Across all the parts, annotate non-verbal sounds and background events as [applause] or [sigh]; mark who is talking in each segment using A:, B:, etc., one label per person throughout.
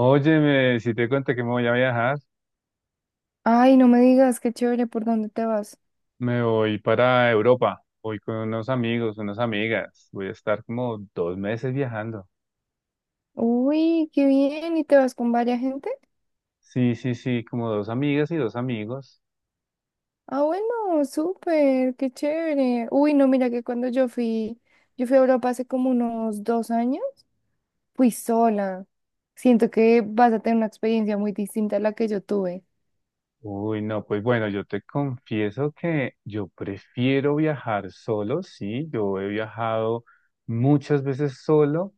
A: Óyeme, si te cuento que me voy a viajar,
B: Ay, no me digas, qué chévere, ¿por dónde te vas?
A: me voy para Europa. Voy con unos amigos, unas amigas. Voy a estar como 2 meses viajando.
B: Uy, qué bien, ¿y te vas con varias gente?
A: Sí, sí, sí, como dos amigas y dos amigos.
B: Ah, bueno, súper, qué chévere. Uy, no, mira que cuando yo fui a Europa hace como unos 2 años, fui sola. Siento que vas a tener una experiencia muy distinta a la que yo tuve.
A: Uy, no, pues bueno, yo te confieso que yo prefiero viajar solo, sí. Yo he viajado muchas veces solo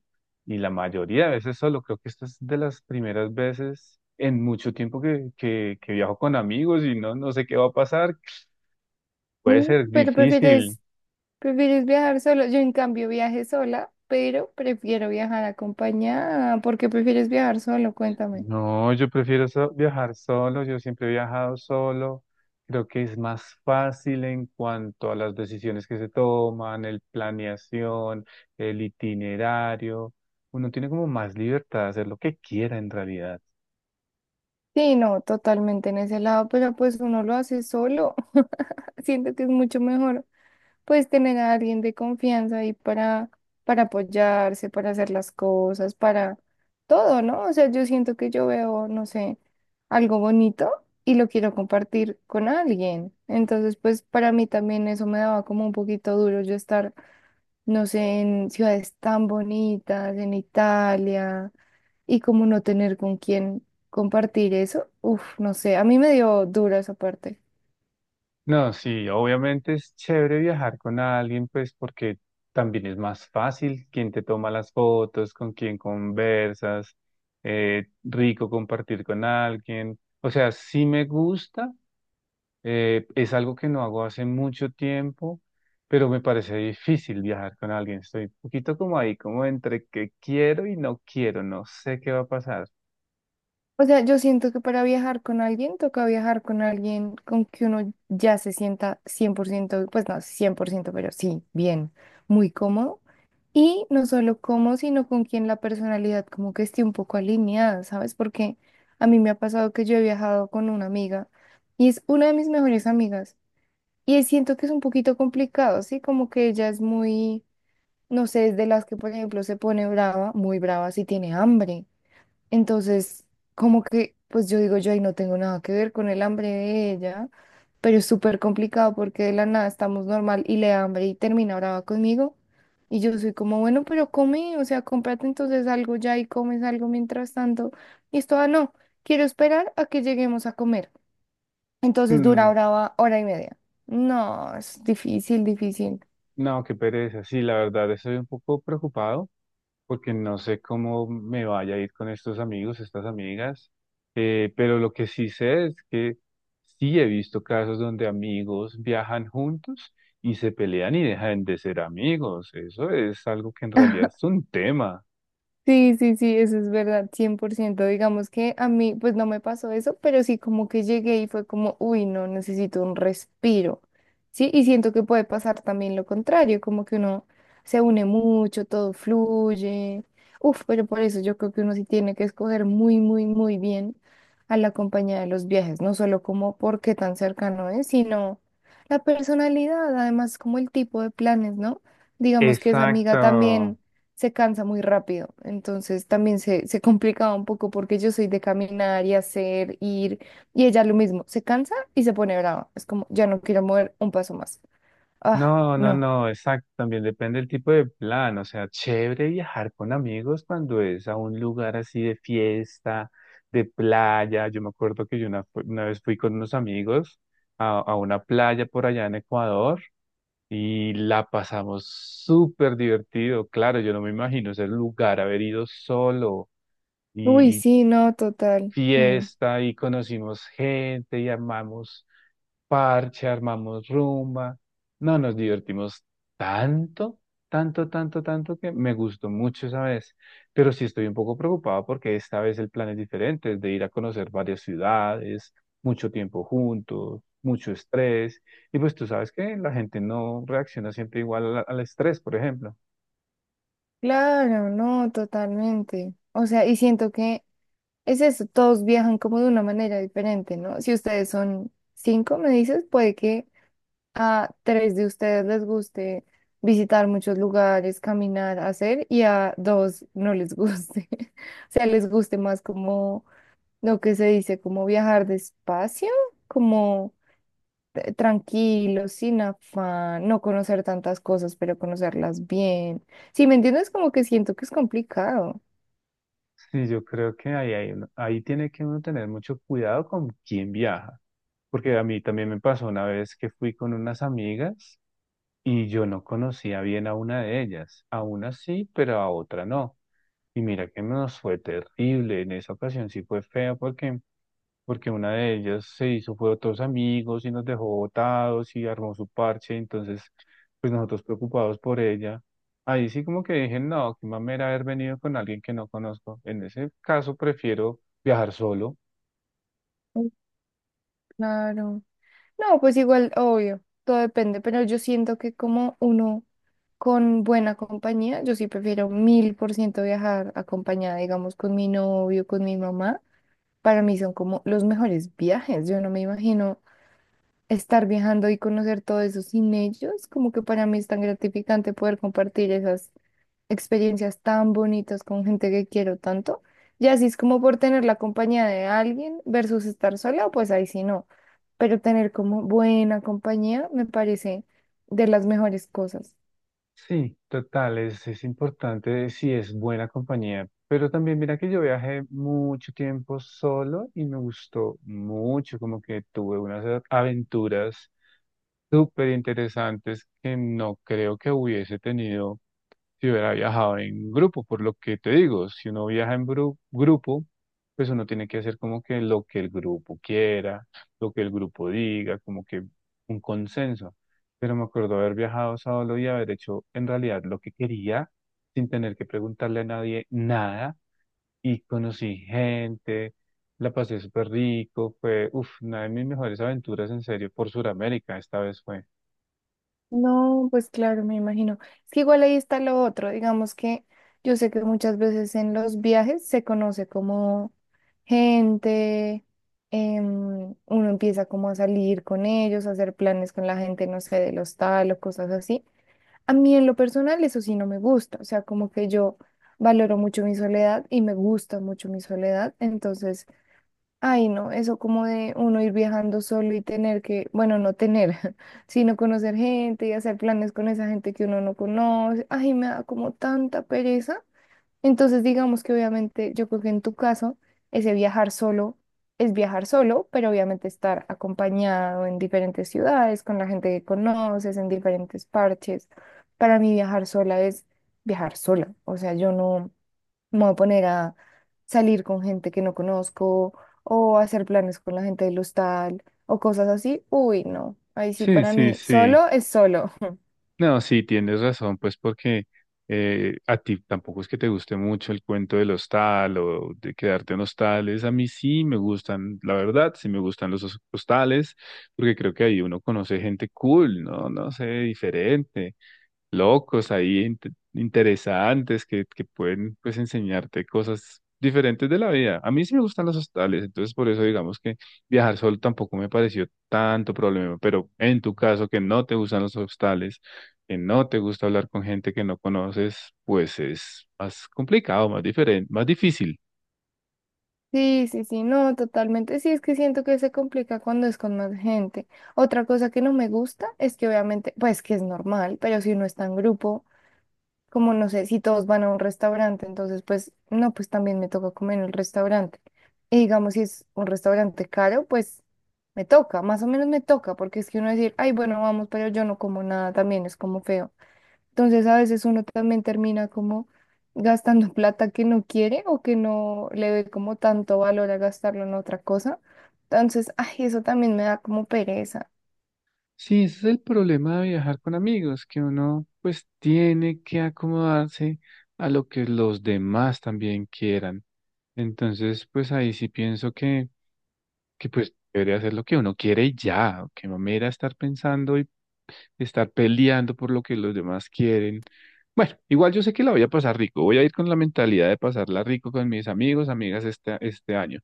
A: y la mayoría de veces solo. Creo que esta es de las primeras veces en mucho tiempo que viajo con amigos y no, no sé qué va a pasar. Puede
B: Mm,
A: ser
B: pero
A: difícil.
B: prefieres, prefieres viajar solo. Yo en cambio viajé sola, pero prefiero viajar acompañada. ¿Por qué prefieres viajar solo? Cuéntame.
A: No, yo prefiero viajar solo. Yo siempre he viajado solo. Creo que es más fácil en cuanto a las decisiones que se toman, el planeación, el itinerario. Uno tiene como más libertad de hacer lo que quiera en realidad.
B: Sí, no, totalmente en ese lado, pero pues uno lo hace solo. Siento que es mucho mejor, pues, tener a alguien de confianza ahí para apoyarse, para hacer las cosas, para todo, ¿no? O sea, yo siento que yo veo, no sé, algo bonito y lo quiero compartir con alguien. Entonces, pues, para mí también eso me daba como un poquito duro yo estar, no sé, en ciudades tan bonitas, en Italia, y como no tener con quién compartir eso. Uf, no sé, a mí me dio duro esa parte.
A: No, sí, obviamente es chévere viajar con alguien, pues porque también es más fácil. Quien te toma las fotos, con quien conversas, rico compartir con alguien. O sea, sí me gusta, es algo que no hago hace mucho tiempo, pero me parece difícil viajar con alguien. Estoy un poquito como ahí, como entre que quiero y no quiero, no sé qué va a pasar.
B: O sea, yo siento que para viajar con alguien toca viajar con alguien con que uno ya se sienta 100%, pues no 100%, pero sí, bien, muy cómodo. Y no solo cómodo, sino con quien la personalidad como que esté un poco alineada, ¿sabes? Porque a mí me ha pasado que yo he viajado con una amiga y es una de mis mejores amigas. Y siento que es un poquito complicado, ¿sí? Como que ella es muy, no sé, es de las que, por ejemplo, se pone brava, muy brava si tiene hambre entonces, como que, pues yo digo, yo ahí no tengo nada que ver con el hambre de ella, pero es súper complicado porque de la nada estamos normal y le da hambre y termina brava conmigo. Y yo soy como, bueno, pero come, o sea, cómprate entonces algo ya y comes algo mientras tanto. Y esto, ah, no, quiero esperar a que lleguemos a comer. Entonces dura
A: Mm,
B: brava hora y media. No, es difícil, difícil.
A: no, qué pereza, sí, la verdad, estoy un poco preocupado, porque no sé cómo me vaya a ir con estos amigos, estas amigas, pero lo que sí sé es que sí he visto casos donde amigos viajan juntos y se pelean y dejan de ser amigos. Eso es algo que en realidad
B: [laughs]
A: es un tema.
B: Sí, sí, sí, eso es verdad, 100%. Digamos que a mí, pues no me pasó eso, pero sí como que llegué y fue como, uy, no, necesito un respiro. Sí, y siento que puede pasar también lo contrario, como que uno se une mucho, todo fluye. Uf, pero por eso yo creo que uno sí tiene que escoger muy, muy, muy bien a la compañía de los viajes, no solo como por qué tan cercano es, sino la personalidad, además como el tipo de planes, ¿no? Digamos que esa amiga
A: Exacto.
B: también se cansa muy rápido. Entonces también se complicaba un poco porque yo soy de caminar y hacer, ir, y ella lo mismo, se cansa y se pone brava. Es como, ya no quiero mover un paso más. Ah,
A: No, no,
B: no.
A: no, exacto, también depende del tipo de plan, o sea, chévere viajar con amigos cuando es a un lugar así de fiesta, de playa. Yo me acuerdo que yo una, una vez fui con unos amigos a, una playa por allá en Ecuador y la pasamos súper divertido. Claro, yo no me imagino ese lugar, haber ido solo,
B: Uy,
A: y
B: sí, no, total. Mm,
A: fiesta y conocimos gente y armamos parche, armamos rumba. No, nos divertimos tanto, tanto, tanto, tanto que me gustó mucho esa vez. Pero sí estoy un poco preocupado porque esta vez el plan es diferente, es de ir a conocer varias ciudades, mucho tiempo juntos, mucho estrés. Y pues tú sabes que la gente no reacciona siempre igual al estrés, por ejemplo.
B: claro, no, totalmente. O sea, y siento que es eso, todos viajan como de una manera diferente, ¿no? Si ustedes son cinco, me dices, puede que a tres de ustedes les guste visitar muchos lugares, caminar, hacer, y a dos no les guste. [laughs] O sea, les guste más como lo que se dice, como viajar despacio, como tranquilo, sin afán, no conocer tantas cosas, pero conocerlas bien. Si me entiendes, como que siento que es complicado.
A: Sí, yo creo que ahí, ahí tiene que uno tener mucho cuidado con quién viaja, porque a mí también me pasó una vez que fui con unas amigas y yo no conocía bien a una de ellas, a una sí, pero a otra no. Y mira que nos fue terrible. En esa ocasión sí fue feo porque una de ellas se hizo, fue otros amigos y nos dejó botados y armó su parche, entonces pues nosotros preocupados por ella. Ahí sí como que dije, no, qué mamera haber venido con alguien que no conozco. En ese caso prefiero viajar solo.
B: Mm, claro. No, pues igual, obvio, todo depende, pero yo siento que como uno con buena compañía, yo sí prefiero 1000% viajar acompañada, digamos, con mi novio, con mi mamá. Para mí son como los mejores viajes. Yo no me imagino estar viajando y conocer todo eso sin ellos. Como que para mí es tan gratificante poder compartir esas experiencias tan bonitas con gente que quiero tanto. Y así es como por tener la compañía de alguien versus estar sola, pues ahí sí no. Pero tener como buena compañía me parece de las mejores cosas.
A: Sí, total, es importante si es buena compañía. Pero también mira que yo viajé mucho tiempo solo y me gustó mucho, como que tuve unas aventuras súper interesantes que no creo que hubiese tenido si hubiera viajado en grupo. Por lo que te digo, si uno viaja en grupo, pues uno tiene que hacer como que lo que el grupo quiera, lo que el grupo diga, como que un consenso. Pero me acuerdo haber viajado solo y haber hecho en realidad lo que quería, sin tener que preguntarle a nadie nada, y conocí gente, la pasé súper rico. Fue, uff, una de mis mejores aventuras en serio por Sudamérica, esta vez fue.
B: No, pues claro, me imagino. Es que igual ahí está lo otro, digamos que yo sé que muchas veces en los viajes se conoce como gente, uno empieza como a salir con ellos, a hacer planes con la gente, no sé, del hostal o cosas así. A mí en lo personal eso sí no me gusta, o sea, como que yo valoro mucho mi soledad y me gusta mucho mi soledad, entonces... Ay, no, eso como de uno ir viajando solo y tener que, bueno, no tener, [laughs] sino conocer gente y hacer planes con esa gente que uno no conoce. Ay, me da como tanta pereza. Entonces, digamos que obviamente yo creo que en tu caso, ese viajar solo es viajar solo, pero obviamente estar acompañado en diferentes ciudades, con la gente que conoces, en diferentes parches. Para mí viajar sola es viajar sola. O sea, yo no. Me voy a poner a salir con gente que no conozco o a hacer planes con la gente del hostal o cosas así. Uy, no. Ahí sí,
A: Sí,
B: para
A: sí,
B: mí,
A: sí.
B: solo es solo. [laughs]
A: No, sí, tienes razón, pues porque a ti tampoco es que te guste mucho el cuento del hostal o de quedarte en hostales. A mí sí me gustan, la verdad, sí me gustan los hostales, porque creo que ahí uno conoce gente cool, ¿no? No sé, diferente locos ahí, interesantes, que pueden pues enseñarte cosas diferentes de la vida. A mí sí me gustan los hostales, entonces por eso digamos que viajar solo tampoco me pareció tanto problema, pero en tu caso que no te gustan los hostales, que no te gusta hablar con gente que no conoces, pues es más complicado, más diferente, más difícil.
B: Sí, sí, sí, no, totalmente. Sí, es que siento que se complica cuando es con más gente. Otra cosa que no me gusta es que obviamente, pues que es normal, pero si uno está en grupo. Como no sé, si todos van a un restaurante, entonces pues no, pues también me toca comer en el restaurante. Y digamos, si es un restaurante caro, pues me toca, más o menos me toca, porque es que uno decir, ay, bueno, vamos, pero yo no como nada, también es como feo. Entonces a veces uno también termina como gastando [laughs] plata que no quiere o que no le ve como tanto valor a gastarlo en otra cosa. Entonces, ay, eso también me da como pereza.
A: Sí, ese es el problema de viajar con amigos, que uno pues tiene que acomodarse a lo que los demás también quieran. Entonces, pues ahí sí pienso que pues debería hacer lo que uno quiere y ya, que mamera estar pensando y estar peleando por lo que los demás quieren. Bueno, igual yo sé que la voy a pasar rico, voy a ir con la mentalidad de pasarla rico con mis amigos, amigas este año.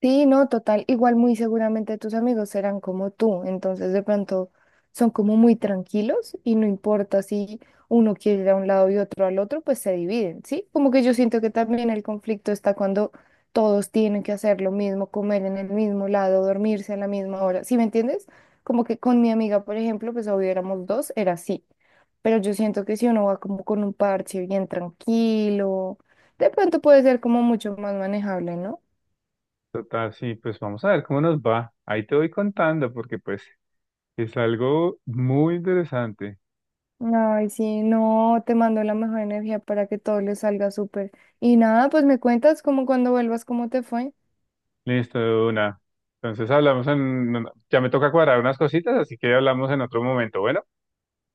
B: Sí, no, total. Igual muy seguramente tus amigos serán como tú, entonces de pronto son como muy tranquilos y no importa si uno quiere ir a un lado y otro al otro, pues se dividen, ¿sí? Como que yo siento que también el conflicto está cuando todos tienen que hacer lo mismo, comer en el mismo lado, dormirse a la misma hora, ¿sí me entiendes? Como que con mi amiga, por ejemplo, pues obvio éramos dos, era así. Pero yo siento que si uno va como con un parche bien tranquilo, de pronto puede ser como mucho más manejable, ¿no?
A: Total, sí, pues vamos a ver cómo nos va. Ahí te voy contando porque pues es algo muy interesante.
B: Ay, sí, no, te mando la mejor energía para que todo le salga súper. Y nada, pues me cuentas como cuando vuelvas, cómo te fue.
A: Listo, de una. Entonces hablamos en... Ya me toca cuadrar unas cositas, así que hablamos en otro momento. Bueno.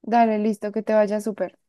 B: Dale, listo, que te vaya súper.